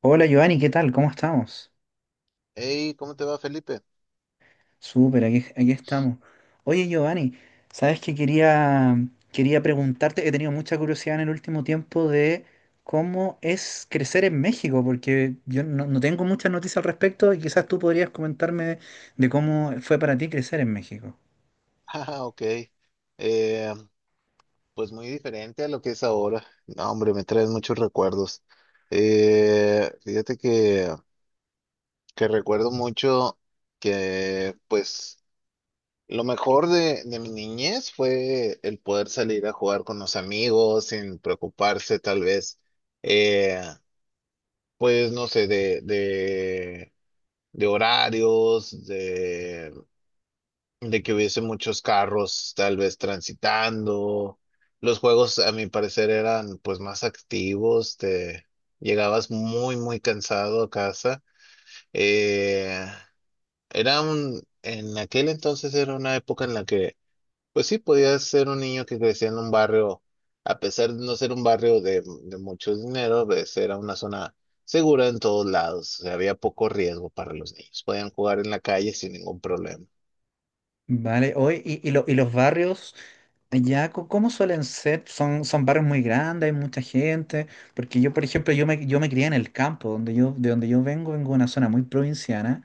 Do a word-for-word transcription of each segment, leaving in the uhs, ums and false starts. Hola Giovanni, ¿qué tal? ¿Cómo estamos? Hey, ¿cómo te va, Felipe? Súper, aquí, aquí estamos. Oye Giovanni, ¿sabes que quería, quería preguntarte? He tenido mucha curiosidad en el último tiempo de cómo es crecer en México, porque yo no, no tengo muchas noticias al respecto y quizás tú podrías comentarme de cómo fue para ti crecer en México. Ah, ok. Eh, pues muy diferente a lo que es ahora. No, hombre, me traes muchos recuerdos. Eh, fíjate que, que recuerdo mucho que, pues, lo mejor de, de mi niñez fue el poder salir a jugar con los amigos sin preocuparse, tal vez, eh, pues, no sé, de, de, de horarios, de que hubiese muchos carros tal vez transitando. Los juegos, a mi parecer, eran pues más activos, te llegabas muy, muy cansado a casa. Eh, Era un, en aquel entonces era una época en la que, pues sí, podías ser un niño que crecía en un barrio, a pesar de no ser un barrio de, de mucho dinero, pues era una zona segura en todos lados, o sea, había poco riesgo para los niños, podían jugar en la calle sin ningún problema. Vale, hoy y, y lo- y los barrios allá, co- ¿cómo suelen ser? Son, son barrios muy grandes, hay mucha gente, porque yo, por ejemplo, yo me, yo me crié en el campo, donde yo, de donde yo vengo, vengo de una zona muy provinciana,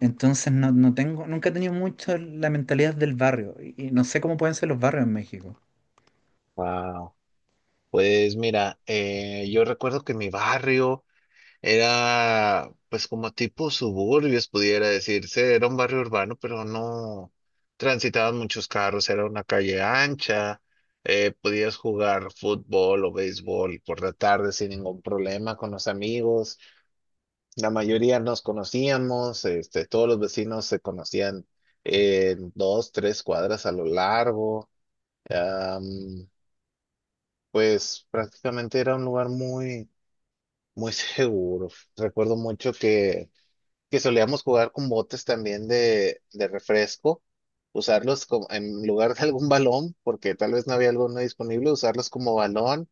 entonces no, no tengo, nunca he tenido mucho la mentalidad del barrio, y, y no sé cómo pueden ser los barrios en México. Wow. Pues mira, eh, yo recuerdo que mi barrio era pues como tipo suburbios, pudiera decirse, era un barrio urbano, pero no transitaban muchos carros, era una calle ancha, eh, podías jugar fútbol o béisbol por la tarde sin ningún problema con los amigos, la mayoría nos conocíamos, este, todos los vecinos se conocían en dos, tres cuadras a lo largo. am, pues prácticamente era un lugar muy, muy seguro. Recuerdo mucho que, que solíamos jugar con botes también de, de refresco, usarlos como, en lugar de algún balón, porque tal vez no había alguno disponible, usarlos como balón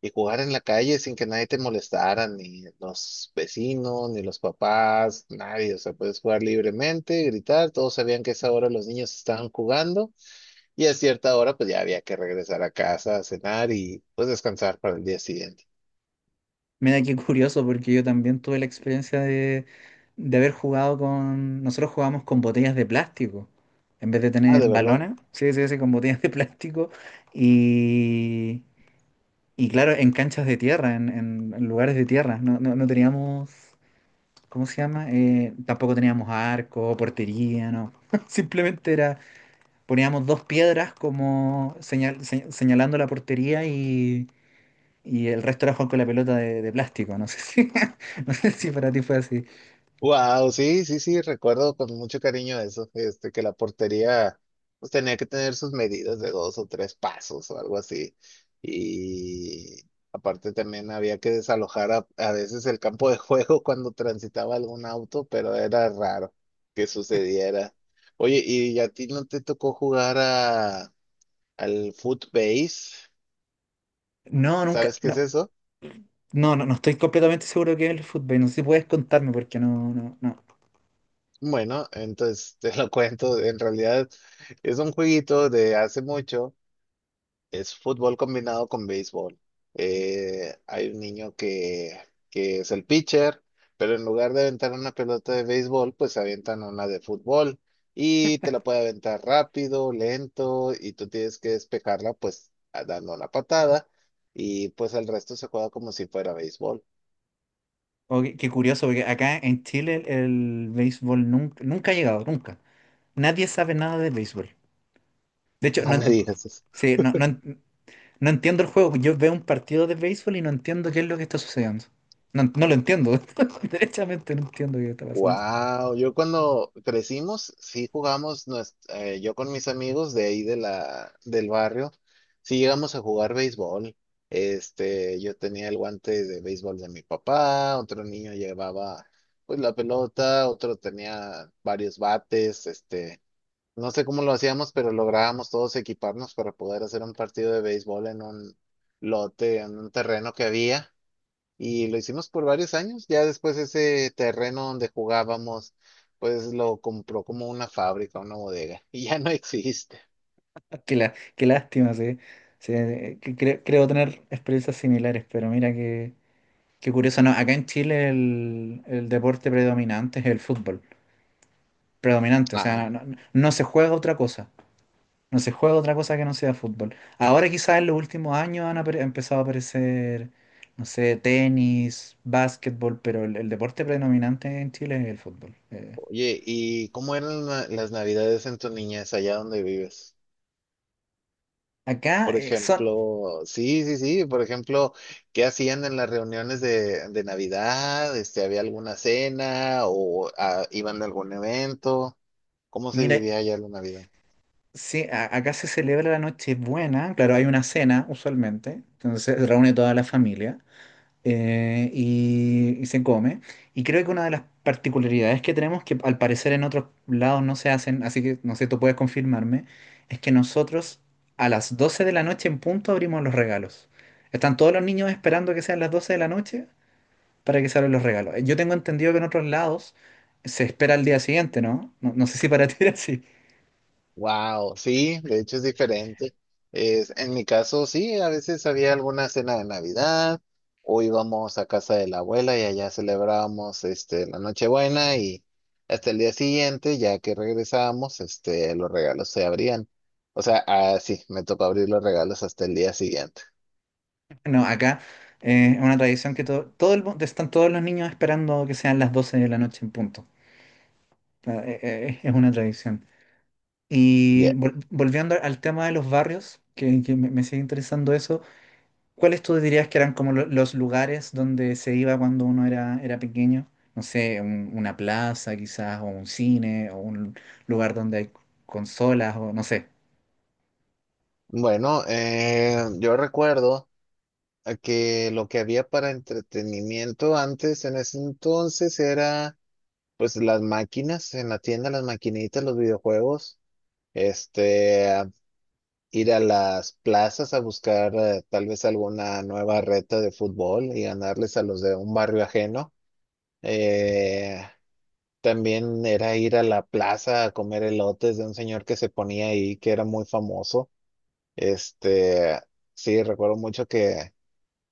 y jugar en la calle sin que nadie te molestara, ni los vecinos, ni los papás, nadie. O sea, puedes jugar libremente, gritar. Todos sabían que a esa hora los niños estaban jugando y a cierta hora pues ya había que regresar a casa a cenar y pues descansar para el día siguiente. Mira qué curioso, porque yo también tuve la experiencia de, de haber jugado con, nosotros jugábamos con botellas de plástico, en vez de Ah, tener de verdad. balones, sí, sí, sí, con botellas de plástico, y... Y claro, en canchas de tierra, en, en- en lugares de tierra. No, no, no teníamos, ¿cómo se llama? Eh, tampoco teníamos arco, portería, no. Simplemente era, poníamos dos piedras como señal, se- señalando la portería y, y el resto era jugar con la pelota de, de plástico. No sé si, no sé si para ti fue así. Wow, sí, sí, sí, recuerdo con mucho cariño eso, este, que la portería pues tenía que tener sus medidas de dos o tres pasos o algo así. Y aparte también había que desalojar a, a veces el campo de juego cuando transitaba algún auto, pero era raro que sucediera. Oye, ¿y a ti no te tocó jugar a, al footbase? No, nunca, ¿Sabes qué es no, eso? no, no, no estoy completamente seguro de qué es el fútbol. No sé si puedes contarme porque no, no, no. Bueno, entonces te lo cuento, en realidad es un jueguito de hace mucho. Es fútbol combinado con béisbol. Eh, hay un niño que, que es el pitcher, pero en lugar de aventar una pelota de béisbol, pues avientan una de fútbol y te la puede aventar rápido, lento, y tú tienes que despejarla pues a- dando una patada y pues el resto se juega como si fuera béisbol. O qué, qué curioso, porque acá en Chile el, béisbol nunca, nunca ha llegado, nunca. Nadie sabe nada de béisbol. De hecho, No no, me digas. sí, no, no, en- no entiendo el juego. Yo veo un partido de béisbol y no entiendo qué es lo que está sucediendo. No, no lo entiendo. Derechamente no entiendo qué está pasando. Wow, yo cuando crecimos, sí jugamos, nues- eh, yo con mis amigos de ahí de la, del barrio, sí llegamos a jugar béisbol. Este, yo tenía el guante de béisbol de mi papá, otro niño llevaba pues la pelota, otro tenía varios bates, este, no sé cómo lo hacíamos, pero lográbamos todos equiparnos para poder hacer un partido de béisbol en un lote, en un terreno que había y lo hicimos por varios años. Ya después ese terreno donde jugábamos, pues lo compró como una fábrica, una bodega, y ya no existe. Ah, Qué, la- qué lástima, sí. Sí, eh, que cre- creo tener experiencias similares, pero mira qué, qué curioso. No, acá en Chile el, el deporte predominante es el fútbol. Predominante, o Ah, sea, no, no- no se juega otra cosa. No se juega otra cosa que no sea fútbol. Ahora quizás en los últimos años han apare- empezado a aparecer, no sé, tenis, básquetbol, pero el, el deporte predominante en Chile es el fútbol. Eh, oye, ¿y cómo eran la- las navidades en tu niñez allá donde vives? Acá Por eh, son, ejemplo, sí, sí, sí, por ejemplo, ¿qué hacían en las reuniones de, de Navidad? Este, ¿había alguna cena o ah, iban a algún evento? ¿Cómo se mira, vivía allá la Navidad? sí, a- acá se celebra la Nochebuena, claro, hay una cena usualmente, entonces se reúne toda la familia. eh, y, y se come. Y creo que una de las particularidades que tenemos, que al parecer en otros lados no se hacen, así que no sé, tú puedes confirmarme, es que nosotros a las doce de la noche en punto abrimos los regalos. Están todos los niños esperando que sean las doce de la noche para que se abran los regalos. Eh, Yo tengo entendido que en otros lados se espera al día siguiente, ¿no? No, no sé si para ti era así. Wow, sí, de hecho es diferente. Es, en mi caso, sí, a veces había alguna cena de Navidad o íbamos a casa de la abuela y allá celebrábamos este, la Nochebuena y hasta el día siguiente, ya que regresábamos, este, los regalos se abrían. O sea, ah, sí, me tocó abrir los regalos hasta el día siguiente. No, acá eh, es una tradición que todo, todo el, mu- están todos los niños esperando que sean las doce de la noche en punto. Eh, eh, Es una tradición. Y Ya. vol- volviendo al tema de los barrios, que, que me, me sigue interesando eso, ¿cuáles tú dirías que eran como lo- los lugares donde se iba cuando uno era, era pequeño? No sé, un- una plaza quizás, o un cine, o un lugar donde hay consolas, o no sé. Bueno, eh, yo recuerdo eh, que lo que había para entretenimiento antes en ese entonces era... Pues las máquinas en la tienda, las maquinitas, los videojuegos, este, ir a las plazas a buscar eh, tal vez alguna nueva reta de fútbol y ganarles a los de un barrio ajeno. Eh, También era ir a la plaza a comer elotes de un señor que se ponía ahí, que era muy famoso. Este, sí, recuerdo mucho que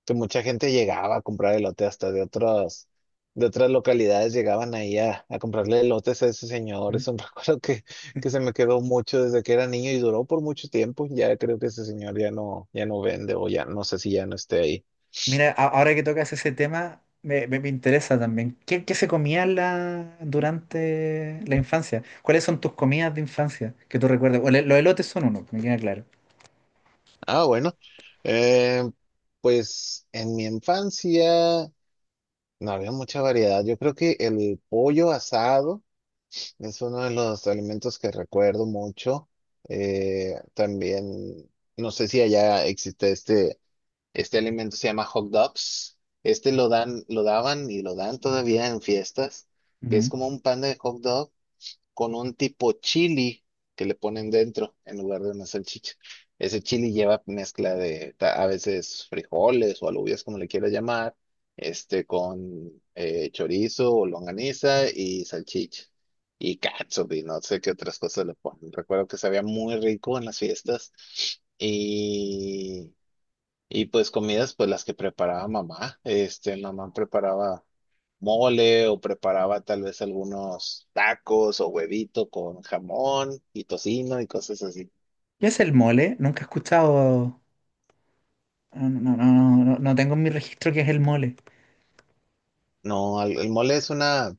que mucha gente llegaba a comprar elote hasta de otras, de otras localidades llegaban ahí a, a comprarle elotes a ese señor. ¿Mm? Es un recuerdo que, Eh, que se me quedó mucho desde que era niño y duró por mucho tiempo. Ya creo que ese señor ya no, ya no vende o ya no sé si ya no esté ahí. Mira, a- ahora que tocas ese tema, me, me- me interesa también. ¿Qué, qué se comía en la, durante la infancia? ¿Cuáles son tus comidas de infancia que tú recuerdas? O le- los elotes son uno, me queda claro. Ah, bueno. Eh, pues en mi infancia no había mucha variedad. Yo creo que el pollo asado. Es uno de los alimentos que recuerdo mucho. Eh, también, no sé si allá existe este, este alimento, se llama hot dogs. Este lo dan, lo daban y lo dan todavía en fiestas, que es como un pan de hot dog con un tipo chili que le ponen dentro en lugar de una salchicha. Ese chili lleva mezcla de ta- a veces frijoles o alubias, como le quiera llamar, este con eh, chorizo o longaniza y salchicha. Y catsup y no sé qué otras cosas le ponen. Recuerdo que sabía muy rico en las fiestas. Y y pues comidas, pues las que preparaba mamá. Este, mamá preparaba mole o preparaba tal vez algunos tacos o huevito con jamón y tocino y cosas así. ¿Qué es el mole? Nunca he escuchado. No, no, no, no, no no tengo en mi registro qué es el mole. No, al- el, mole es una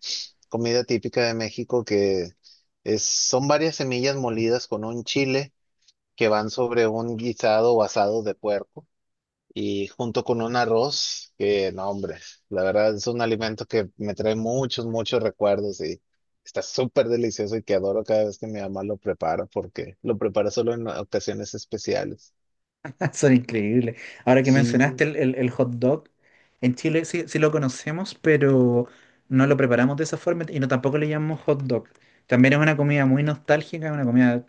comida típica de México que es, son varias semillas molidas con un chile que van sobre un guisado o asado de puerco. Y junto con un arroz, que no, hombre, la verdad es un alimento que me trae muchos, muchos recuerdos y está súper delicioso y que adoro cada vez que mi mamá lo prepara porque lo prepara solo en ocasiones especiales. Son increíbles. Ahora que Sí, mencionaste el, el- el hot dog, en Chile sí, sí lo conocemos, pero no lo preparamos de esa forma y no tampoco le llamamos hot dog. También es una comida muy nostálgica, una comida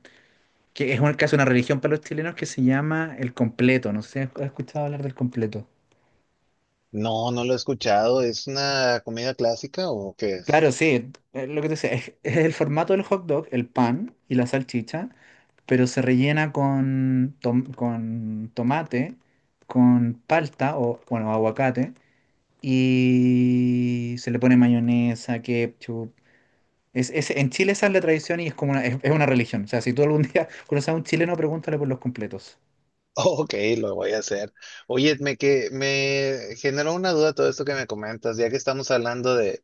que es un- casi una religión para los chilenos que se llama el completo. No sé si has escuchado hablar del completo. no, no lo he escuchado. ¿Es una comida clásica o qué es? Claro, sí, eh, lo que te decía, es, es el formato del hot dog, el pan y la salchicha, pero se rellena con, tom- con tomate, con palta o, bueno, aguacate, y se le pone mayonesa, ketchup. Es, es- en Chile esa es la tradición y es como una, es, es una religión. O sea, si tú algún día conoces a un chileno, pregúntale por los completos. Ok, lo voy a hacer. Oye, me, que, me generó una duda todo esto que me comentas, ya que estamos hablando de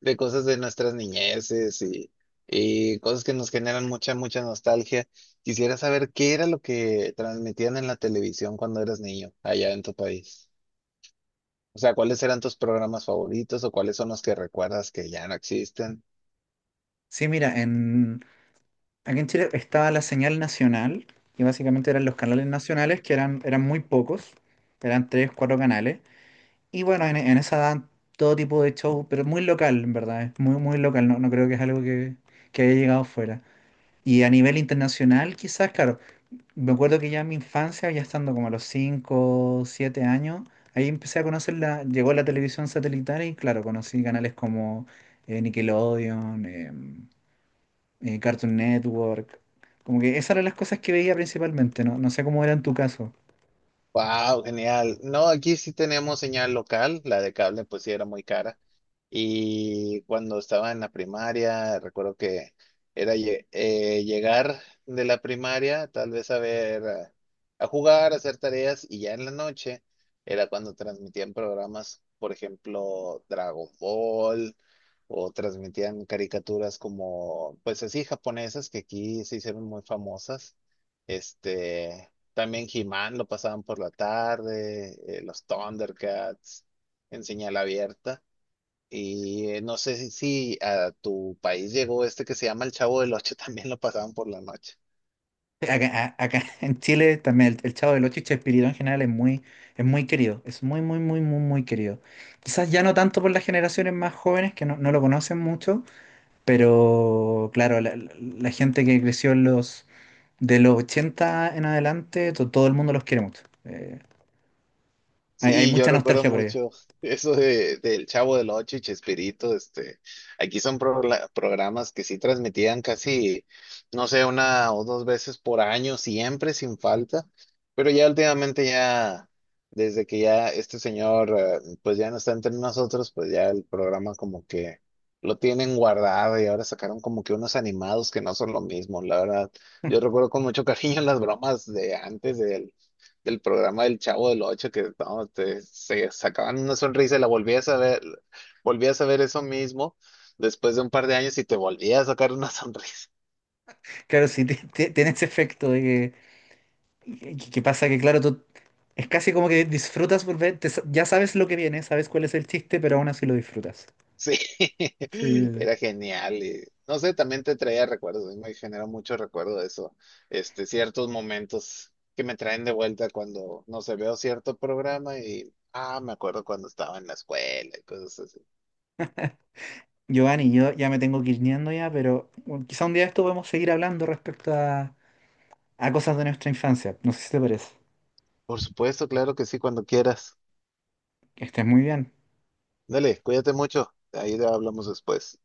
de cosas de nuestras niñeces y, y cosas que nos generan mucha, mucha nostalgia. Quisiera saber qué era lo que transmitían en la televisión cuando eras niño allá en tu país. O sea, ¿cuáles eran tus programas favoritos o cuáles son los que recuerdas que ya no existen? Sí, mira, en, aquí en Chile estaba la señal nacional, que básicamente eran los canales nacionales, que eran, eran muy pocos, eran tres, cuatro canales. Y bueno, en, en esa dan todo tipo de show, pero es muy local, en verdad, es muy, muy local, no, no creo que es algo que, que haya llegado fuera. Y a nivel internacional, quizás, claro, me acuerdo que ya en mi infancia, ya estando como a los cinco siete años, ahí empecé a conocer la, llegó la televisión satelital y claro, conocí canales como eh, Nickelodeon, eh, eh, Cartoon Network, como que esas eran las cosas que veía principalmente, no, no sé cómo era en tu caso. Wow, genial. No, aquí sí teníamos señal local, la de cable pues sí era muy cara. Y cuando estaba en la primaria, recuerdo que era lle- eh, llegar de la primaria, tal vez a ver, a, a jugar, a hacer tareas, y ya en la noche era cuando transmitían programas, por ejemplo, Dragon Ball, o transmitían caricaturas como, pues así, japonesas, que aquí se hicieron muy famosas. Este, también He-Man lo pasaban por la tarde, eh, los Thundercats en señal abierta. Y eh, no sé si, si a tu país llegó este que se llama El Chavo del Ocho, también lo pasaban por la noche. Acá, a- acá en Chile también el, el Chavo del Ocho y Chespirito en general es muy, es muy, querido, es muy, muy, muy, muy, muy querido. Quizás ya no tanto por las generaciones más jóvenes que no, no lo conocen mucho, pero claro, la, la- la gente que creció en los, de los ochenta en adelante, to- todo el mundo los quiere mucho. Eh, hay, hay Sí, yo mucha recuerdo nostalgia por ellos. mucho eso de, del Chavo del Ocho y Chespirito, este, aquí son progla- programas que sí transmitían casi, no sé, una o dos veces por año, siempre sin falta, pero ya últimamente ya, desde que ya este señor, eh, pues ya no está entre nosotros, pues ya el programa como que lo tienen guardado y ahora sacaron como que unos animados que no son lo mismo, la verdad, yo recuerdo con mucho cariño las bromas de antes de él del programa del Chavo del Ocho, que no, te- se sacaban una sonrisa y la volvías a ver, volvías a ver eso mismo después de un par de años y te volvías a sacar una sonrisa. Claro, sí, ti- ti- tiene ese efecto de que, que- que pasa que, claro, tú es casi como que disfrutas por ver, te sa- ya sabes lo que viene, sabes cuál es el chiste, pero aún así lo disfrutas. Sí, Sí, sí, sí. era genial. Y, no sé, también te traía recuerdos, a mí me generó mucho recuerdo de eso, este, ciertos momentos que me traen de vuelta cuando, no sé, veo cierto programa y, ah, me acuerdo cuando estaba en la escuela y cosas así. Giovanni, yo ya me tengo que ir yendo ya, pero bueno, quizá un día de esto podemos seguir hablando respecto a, a cosas de nuestra infancia. No sé si te parece. Por supuesto, claro que sí, cuando quieras. Que estés muy bien. Dale, cuídate mucho. Ahí hablamos después.